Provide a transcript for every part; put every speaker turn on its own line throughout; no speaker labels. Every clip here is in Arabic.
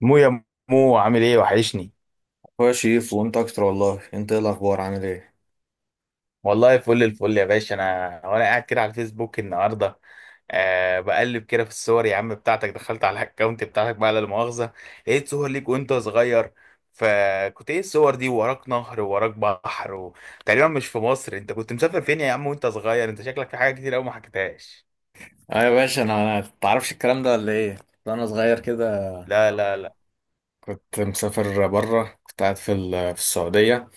مو يا مو، عامل ايه؟ وحشني.
هو يا شريف وانت اكتر والله، انت ايه الاخبار، عامل ايه؟
والله فل الفل يا باشا. انا وانا قاعد كده على الفيسبوك النهارده أه بقلب كده في الصور، يا عم بتاعتك دخلت على الاكونت بتاعتك بقى، لا مؤاخذه. لقيت صور ليك وانت صغير، فكنت ايه الصور دي؟ وراك نهر، وراك بحر، وتقريبا مش في مصر. انت كنت مسافر فين يا عم وانت صغير؟ انت شكلك في حاجه كتير قوي ما حكيتهاش.
ايوه يا باشا، انا تعرفش الكلام ده ولا ايه؟ وانا صغير كده،
لا لا لا.
كنت مسافر بره، كنت قاعد في السعوديه،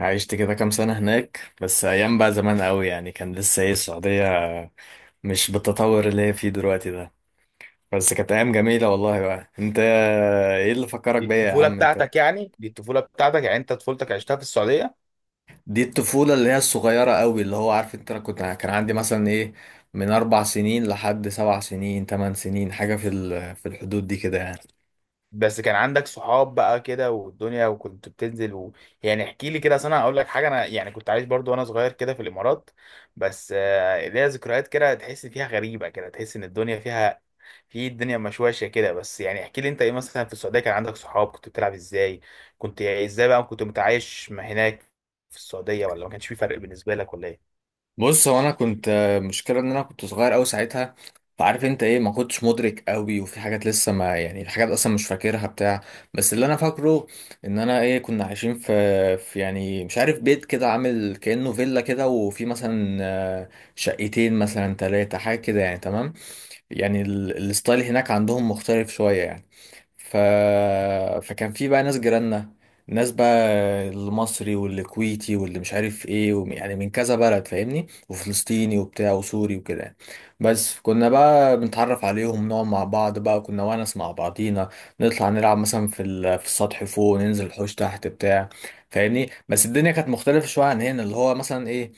عشت كده كام سنه هناك، بس ايام بقى زمان قوي يعني، كان لسه ايه السعوديه مش بالتطور اللي هي فيه دلوقتي ده، بس كانت ايام جميله والله. بقى انت ايه اللي فكرك
دي
بيا يا
الطفوله
عم انت؟
بتاعتك يعني، دي الطفوله بتاعتك يعني، انت طفولتك عشتها في السعوديه؟
دي الطفولة اللي هي الصغيرة قوي، اللي هو عارف انت، انا كنت، كان عندي مثلا ايه، من 4 سنين لحد 7 سنين، 8 سنين حاجة في الحدود دي كده يعني.
بس كان عندك صحاب بقى كده والدنيا، وكنت بتنزل و... يعني احكي لي كده، أصل انا اقول لك حاجه، انا يعني كنت عايش برضو وانا صغير كده في الامارات. بس ليا ذكريات كده تحس فيها غريبه كده، تحس ان الدنيا فيها، في الدنيا مشوشه كده. بس يعني احكي لي انت ايه مثلا في السعوديه، كان عندك صحاب؟ كنت بتلعب ازاي؟ كنت ازاي بقى؟ كنت متعايش ما هناك في السعوديه ولا ما كانش في فرق بالنسبه لك ولا ايه؟
بص، هو انا كنت، مشكلة ان انا كنت صغير قوي ساعتها، فعارف انت ايه، ما كنتش مدرك قوي، وفي حاجات لسه ما، يعني في حاجات اصلا مش فاكرها بتاع. بس اللي انا فاكره ان انا ايه، كنا عايشين في يعني، مش عارف، بيت كده عامل كأنه فيلا كده، وفي مثلا شقتين، مثلا ثلاثة، حاجة كده يعني، تمام. يعني الستايل هناك عندهم مختلف شوية يعني، ف... فكان في بقى ناس جيراننا، ناس بقى المصري والكويتي واللي مش عارف ايه، يعني من كذا بلد فاهمني، وفلسطيني وبتاع وسوري وكده يعني. بس كنا بقى بنتعرف عليهم، نقعد مع بعض، بقى كنا ونس مع بعضينا، نطلع نلعب مثلا في السطح فوق، ننزل الحوش تحت بتاع فاهمني. بس الدنيا كانت مختلفة شوية عن هنا، اللي هو مثلا ايه،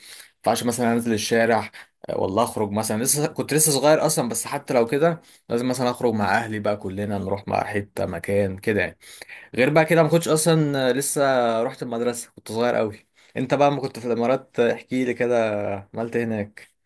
ما ينفعش مثلا انزل الشارع والله، اخرج مثلا، لسه كنت لسه صغير اصلا، بس حتى لو كده لازم مثلا اخرج مع اهلي، بقى كلنا نروح مع حته، مكان كده يعني، غير بقى كده ما كنتش اصلا لسه رحت المدرسه، كنت صغير قوي. انت بقى ما كنت في الامارات، احكي لي كده، عملت إيه هناك؟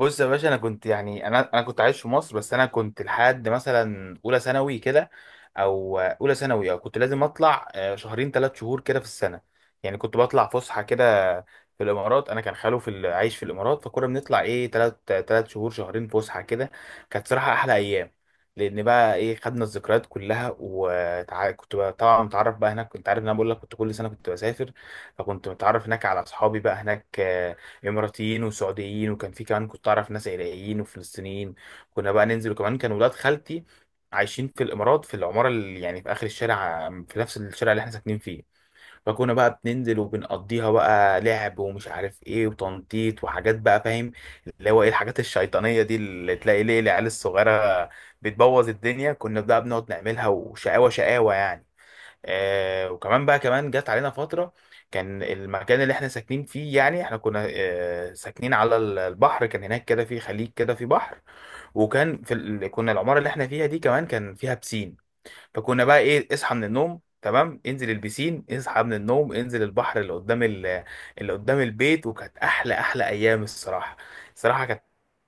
بص يا باشا، انا كنت يعني انا كنت عايش في مصر، بس انا كنت لحد مثلا اولى ثانوي كده، او اولى ثانوي، او كنت لازم اطلع شهرين 3 شهور كده في السنه. يعني كنت بطلع فسحه كده في الامارات. انا كان خاله في عايش في الامارات، فكنا بنطلع ايه ثلاث ثلاث شهور شهرين فسحه كده. كانت صراحه احلى ايام، لان بقى ايه خدنا الذكريات كلها. وكنت طبعا متعرف بقى هناك، كنت عارف ان انا بقول لك كنت كل سنه كنت بسافر. فكنت متعرف هناك على اصحابي بقى هناك اماراتيين وسعوديين. وكان في كمان كنت اعرف ناس عراقيين وفلسطينيين. كنا بقى ننزل، وكمان كان ولاد خالتي عايشين في الامارات في العماره اللي يعني في اخر الشارع، في نفس الشارع اللي احنا ساكنين فيه. فكنا بقى بننزل وبنقضيها بقى لعب ومش عارف ايه وتنطيط وحاجات، بقى فاهم، اللي هو ايه الحاجات الشيطانيه دي اللي تلاقي ليه العيال الصغيره بتبوظ الدنيا. كنا بقى بنقعد نعملها، وشقاوه شقاوه يعني. آه، وكمان بقى كمان جت علينا فترة كان المكان اللي احنا ساكنين فيه، يعني احنا كنا آه ساكنين على البحر. كان هناك كده في خليج كده في بحر. وكان في كنا العمارة اللي احنا فيها دي كمان كان فيها بسين. فكنا بقى ايه اصحى من النوم تمام انزل البسين، اصحى من النوم انزل البحر اللي قدام اللي قدام البيت. وكانت احلى احلى ايام الصراحة. الصراحة كانت،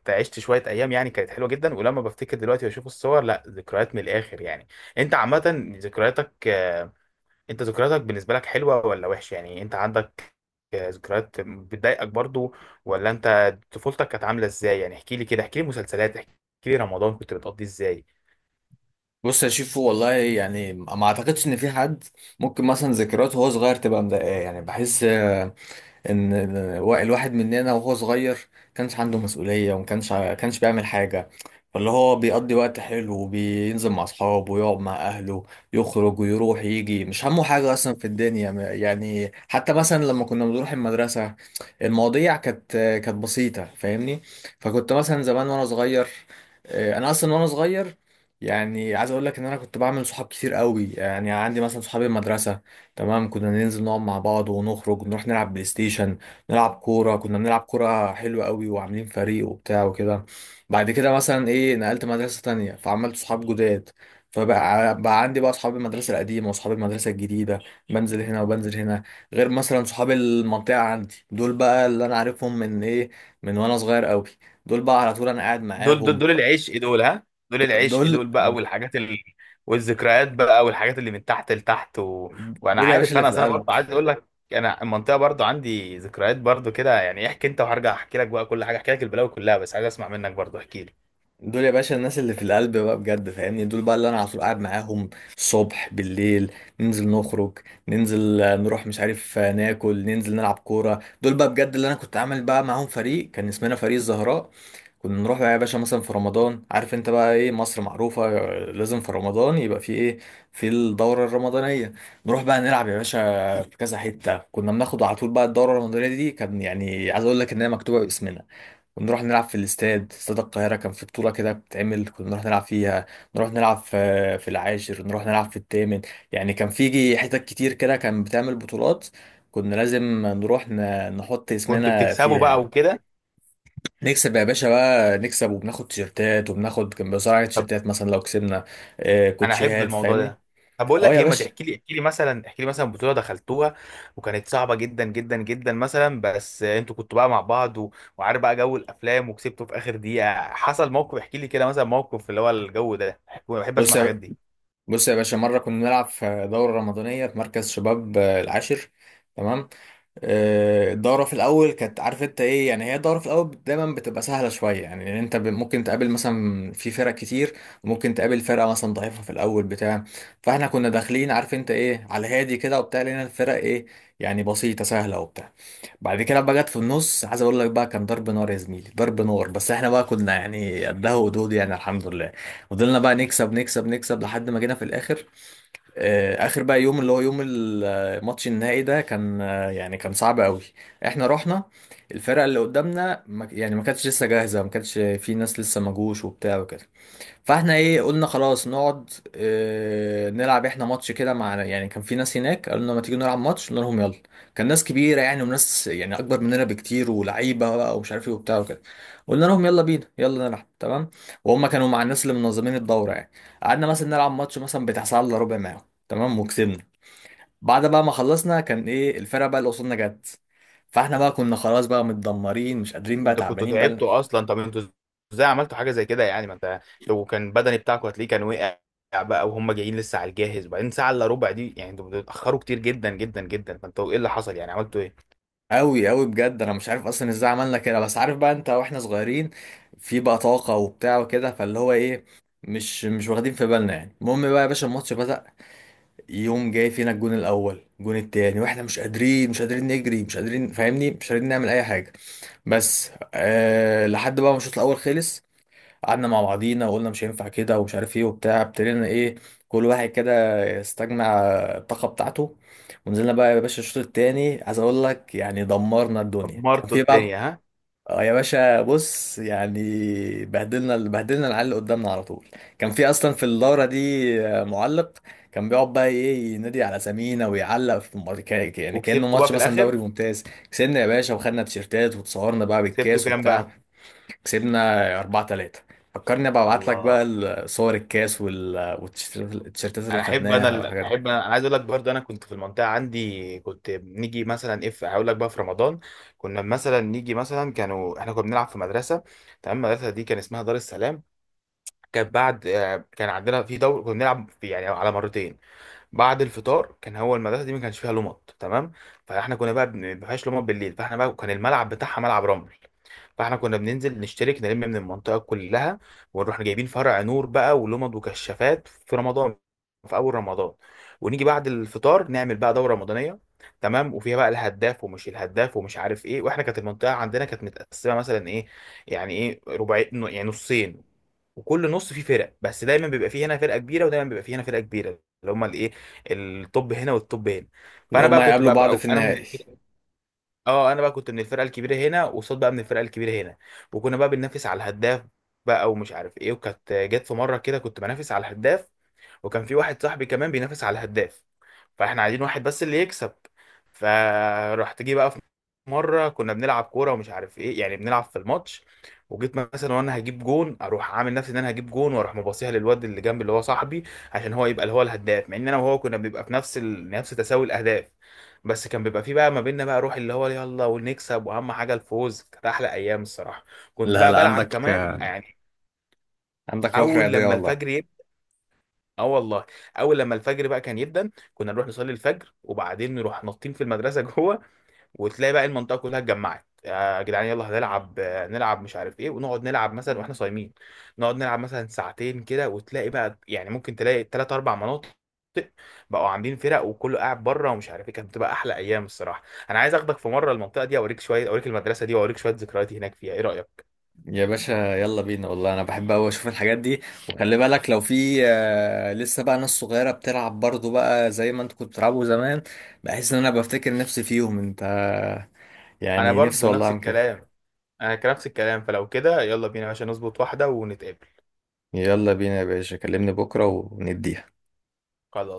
عشت شوية أيام يعني كانت حلوة جدا. ولما بفتكر دلوقتي وأشوف الصور، لا ذكريات من الآخر يعني. أنت عامة ذكرياتك انت ذكرياتك بالنسبة لك حلوة ولا وحشة؟ يعني انت عندك ذكريات بتضايقك برضو، ولا انت طفولتك كانت عاملة ازاي؟ يعني احكي لي كده، احكي لي مسلسلات، احكي لي رمضان كنت بتقضيه ازاي.
بص يا شيفو والله، يعني ما اعتقدش ان في حد ممكن مثلا ذكرياته وهو صغير تبقى مضايقاه، يعني بحس ان الواحد مننا وهو صغير كانش عنده مسؤولية، وما كانش كانش بيعمل حاجة، فاللي هو بيقضي وقت حلو، وبينزل مع اصحابه، ويقعد مع اهله، يخرج ويروح يجي، مش همه حاجة اصلا في الدنيا، يعني حتى مثلا لما كنا بنروح المدرسة، المواضيع كانت بسيطة فاهمني. فكنت مثلا زمان وانا صغير، انا اصلا وانا صغير يعني، عايز اقول لك ان انا كنت بعمل صحاب كتير قوي، يعني عندي مثلا صحابي المدرسة، تمام، كنا ننزل نقعد مع بعض، ونخرج نروح نلعب بلاي ستيشن، نلعب كورة، كنا بنلعب كورة حلوة قوي، وعاملين فريق وبتاع وكده. بعد كده مثلا ايه، نقلت مدرسة تانية فعملت صحاب جداد، فبقى عندي بقى صحاب المدرسة القديمة وصحاب المدرسة الجديدة، بنزل هنا وبنزل هنا، غير مثلا صحاب المنطقة عندي، دول بقى اللي انا عارفهم من ايه، من وانا صغير قوي، دول بقى على طول انا قاعد
دول دول
معاهم.
دول العشق دول، ها؟ دول العشق دول
دول
بقى، والحاجات والذكريات بقى، والحاجات اللي من تحت لتحت و... وانا
دول يا باشا
عارف،
اللي
انا
في
أصل انا
القلب،
برضه عايز اقول لك، انا المنطقه برضه عندي ذكريات برضه كده يعني. احكي انت وهرجع احكي لك بقى كل حاجه، احكي لك البلاوي كلها، بس عايز اسمع منك برضه، احكي لي.
دول يا باشا الناس اللي في القلب بقى بجد فاهمني، دول بقى اللي انا على طول قاعد معاهم، الصبح بالليل، ننزل نخرج، ننزل نروح مش عارف ناكل، ننزل نلعب كوره. دول بقى بجد اللي انا كنت عامل بقى معاهم فريق، كان اسمنا فريق الزهراء، كنا نروح بقى يا باشا مثلا في رمضان، عارف انت بقى ايه، مصر معروفه لازم في رمضان يبقى في ايه، في الدوره الرمضانيه، نروح بقى نلعب يا باشا في كذا حته، كنا بناخد على طول بقى الدوره الرمضانيه دي، كان يعني عايز اقول لك ان هي مكتوبه باسمنا. ونروح نلعب في الاستاد، استاد القاهرة كان في بطولة كده بتتعمل، كنا نروح نلعب فيها، نروح نلعب في العاشر، نروح نلعب في التامن، يعني كان في حتت كتير كده كان بتعمل بطولات، كنا لازم نروح نحط
كنت
اسمنا
بتكسبه
فيها
بقى
يعني.
وكده؟
نكسب يا باشا بقى، نكسب وبناخد تيشيرتات، وبناخد، كان بيوزعوا علينا تيشيرتات مثلا لو كسبنا،
انا احب
كوتشيهات
الموضوع
فاهمني.
ده. طب بقول
اه
لك
يا
ايه، ما
باشا،
تحكي لي، احكي لي مثلا، احكي لي مثلا بطوله دخلتوها وكانت صعبه جدا جدا جدا مثلا، بس انتوا كنتوا بقى مع بعض و... وعارف بقى جو الافلام وكسبتوا في اخر دقيقه، حصل موقف. احكي لي كده مثلا موقف اللي هو الجو ده بحب
بص
اسمع الحاجات
يا
دي.
بص يا باشا، مرة كنا نلعب في دورة رمضانية في مركز شباب العاشر، تمام. الدورة في الأول كانت، عارف أنت إيه يعني، هي الدورة في الأول دايما بتبقى سهلة شوية يعني، لأن أنت ممكن تقابل مثلا في فرق كتير، وممكن تقابل فرقة مثلا ضعيفة في الأول بتاع، فإحنا كنا داخلين، عارف أنت إيه، على هادي كده وبتاع، لأن الفرق إيه، يعني بسيطة سهلة وبتاع. بعد كده بقى جت في النص، عايز أقول لك بقى كان ضرب نار يا زميلي، ضرب نار، بس إحنا بقى كنا يعني قدها ودود يعني، الحمد لله، فضلنا بقى نكسب نكسب نكسب لحد ما جينا في الآخر. اخر بقى يوم، اللي هو يوم الماتش النهائي ده، كان يعني كان صعب قوي، احنا رحنا، الفرقه اللي قدامنا يعني ما كانتش لسه جاهزه، ما كانتش في ناس لسه ما جوش وبتاع وكده، فاحنا ايه قلنا خلاص نقعد نلعب احنا ماتش كده مع، يعني كان في ناس هناك قالوا لنا ما تيجي نلعب ماتش، قلنا لهم يلا. كان ناس كبيره يعني، وناس يعني اكبر مننا بكتير ولعيبه بقى ومش عارف ايه وبتاع وكده، قلنا لهم يلا بينا يلا نلعب، تمام، وهم كانوا مع الناس اللي منظمين الدوره يعني، قعدنا مثلا نلعب ماتش مثلا بتاع ساعه الا ربع معاهم، تمام وكسبنا. بعد بقى ما خلصنا، كان ايه الفرقه بقى اللي قصادنا جت، فاحنا بقى كنا خلاص بقى متدمرين، مش قادرين بقى،
انتوا كنتوا
تعبانين بقى.
تعبتوا اصلا، طب انتوا ازاي عملتوا حاجه زي كده؟ يعني ما انت لو كان بدني بتاعكم هتلاقيه كان وقع بقى، وهم جايين لسه على الجاهز. وبعدين ساعه الا ربع دي يعني انتوا بتتاخروا كتير جدا جدا جدا. فانتوا ايه اللي حصل يعني؟ عملتوا ايه؟
أوي أوي بجد، أنا مش عارف أصلا إزاي عملنا كده، بس عارف بقى أنت، وإحنا صغيرين في بقى طاقة وبتاع وكده، فاللي هو إيه مش واخدين في بالنا يعني. المهم بقى يا باشا الماتش بدأ، يوم جاي فينا الجون الأول، الجون التاني، وإحنا مش قادرين، مش قادرين نجري، مش قادرين فاهمني، مش قادرين نعمل أي حاجة، بس لحد بقى ما الشوط الأول خلص، قعدنا مع بعضينا وقلنا مش هينفع كده، ومش عارف ايه وبتاع، ابتدينا ايه كل واحد كده يستجمع الطاقة بتاعته، ونزلنا بقى يا باشا الشوط التاني، عايز اقول لك يعني دمرنا الدنيا، كان
دمرتوا
في
الدنيا،
بقى.
ها؟
آه يا باشا، بص يعني بهدلنا بهدلنا العيال اللي قدامنا على طول، كان في اصلا في الدورة دي معلق، كان بيقعد بقى ايه ينادي على سمينا ويعلق في الماتش، يعني كأنه
وكسبتوا بقى
ماتش
في
مثلا
الاخر؟
دوري ممتاز. كسبنا يا باشا، وخدنا تيشيرتات، وتصورنا بقى
سبته
بالكاس
كام
وبتاع،
بقى؟
كسبنا 4-3. فكرني ابقى ابعت لك
الله!
بقى صور الكاس والتيشيرتات، التيشيرتات اللي
انا احب انا
خدناها والحاجات دي،
احب انا، أنا عايز اقول لك برضه، انا كنت في المنطقه عندي كنت نيجي مثلا اف هقول لك بقى في رمضان. كنا مثلا نيجي مثلا كانوا احنا كنا بنلعب في مدرسه، تمام؟ المدرسه دي كان اسمها دار السلام. كانت بعد كان عندنا في دور كنا بنلعب في يعني على مرتين، بعد الفطار. كان هو المدرسه دي ما كانش فيها لمط، تمام؟ فاحنا كنا بقى ما فيهاش لمط بالليل، فاحنا بقى كان الملعب بتاعها ملعب رمل. فاحنا كنا بننزل نشترك نلم من المنطقه كلها، ونروح جايبين فرع نور بقى ولمض وكشافات في رمضان، في اول رمضان، ونيجي بعد الفطار نعمل بقى دوره رمضانيه، تمام. وفيها بقى الهداف ومش الهداف ومش عارف ايه. واحنا كانت المنطقه عندنا كانت متقسمه مثلا ايه، يعني ايه ربعين، يعني نصين. وكل نص فيه فرق، بس دايما بيبقى فيه هنا فرقه كبيره ودايما بيبقى فيه هنا فرقه كبيره، اللي هم الايه، الطب هنا والطب هنا.
اللي
فانا
هم
بقى كنت
هيقابلوا
بقى,
بعض في
بقى انا
النهائي.
اه انا بقى كنت من الفرقه الكبيره هنا، وصاد بقى من الفرقه الكبيره هنا. وكنا بقى بننافس على الهداف بقى ومش عارف ايه. وكانت جت في مره كده كنت بنافس على الهداف، وكان في واحد صاحبي كمان بينافس على الهداف، فاحنا عايزين واحد بس اللي يكسب. فرحت جه بقى في مره كنا بنلعب كوره ومش عارف ايه، يعني بنلعب في الماتش، وجيت مثلا وانا هجيب جون، اروح عامل نفسي ان انا هجيب جون، واروح مباصيها للواد اللي جنبي اللي هو صاحبي، عشان هو يبقى اللي هو الهداف، مع ان انا وهو كنا بنبقى في نفس نفس تساوي الاهداف. بس كان بيبقى في بقى ما بيننا بقى روح اللي هو يلا ونكسب، واهم حاجه الفوز. كانت احلى ايام الصراحه، كنت
لا
بقى
لا،
بلعب
عندك
كمان يعني.
عندك روح
اول
رياضية
لما
والله.
الفجر، اه والله، اول لما الفجر بقى كان يبدا كنا نروح نصلي الفجر، وبعدين نروح نطين في المدرسه جوه. وتلاقي بقى المنطقه كلها اتجمعت، يا جدعان يلا هنلعب نلعب مش عارف ايه. ونقعد نلعب مثلا واحنا صايمين، نقعد نلعب مثلا ساعتين كده. وتلاقي بقى يعني ممكن تلاقي 3 او 4 مناطق بقوا عاملين فرق، وكله قاعد بره ومش عارف ايه. كانت بتبقى احلى ايام الصراحه. انا عايز اخدك في مره المنطقه دي اوريك شويه، اوريك المدرسه دي، واوريك شويه ذكرياتي هناك فيها. ايه رايك؟
يا باشا يلا بينا والله، انا بحب قوي اشوف الحاجات دي، وخلي بالك لو في لسه بقى ناس صغيرة بتلعب برضو بقى زي ما انت كنت بتلعبوا زمان، بحس ان انا بفتكر نفسي فيهم انت،
انا
يعني نفسي
برضو
والله
نفس
اعمل كده.
الكلام، انا كان نفس الكلام. فلو كده يلا بينا يا باشا نظبط واحده ونتقابل.
يلا بينا يا باشا، كلمني بكرة ونديها.
خلاص.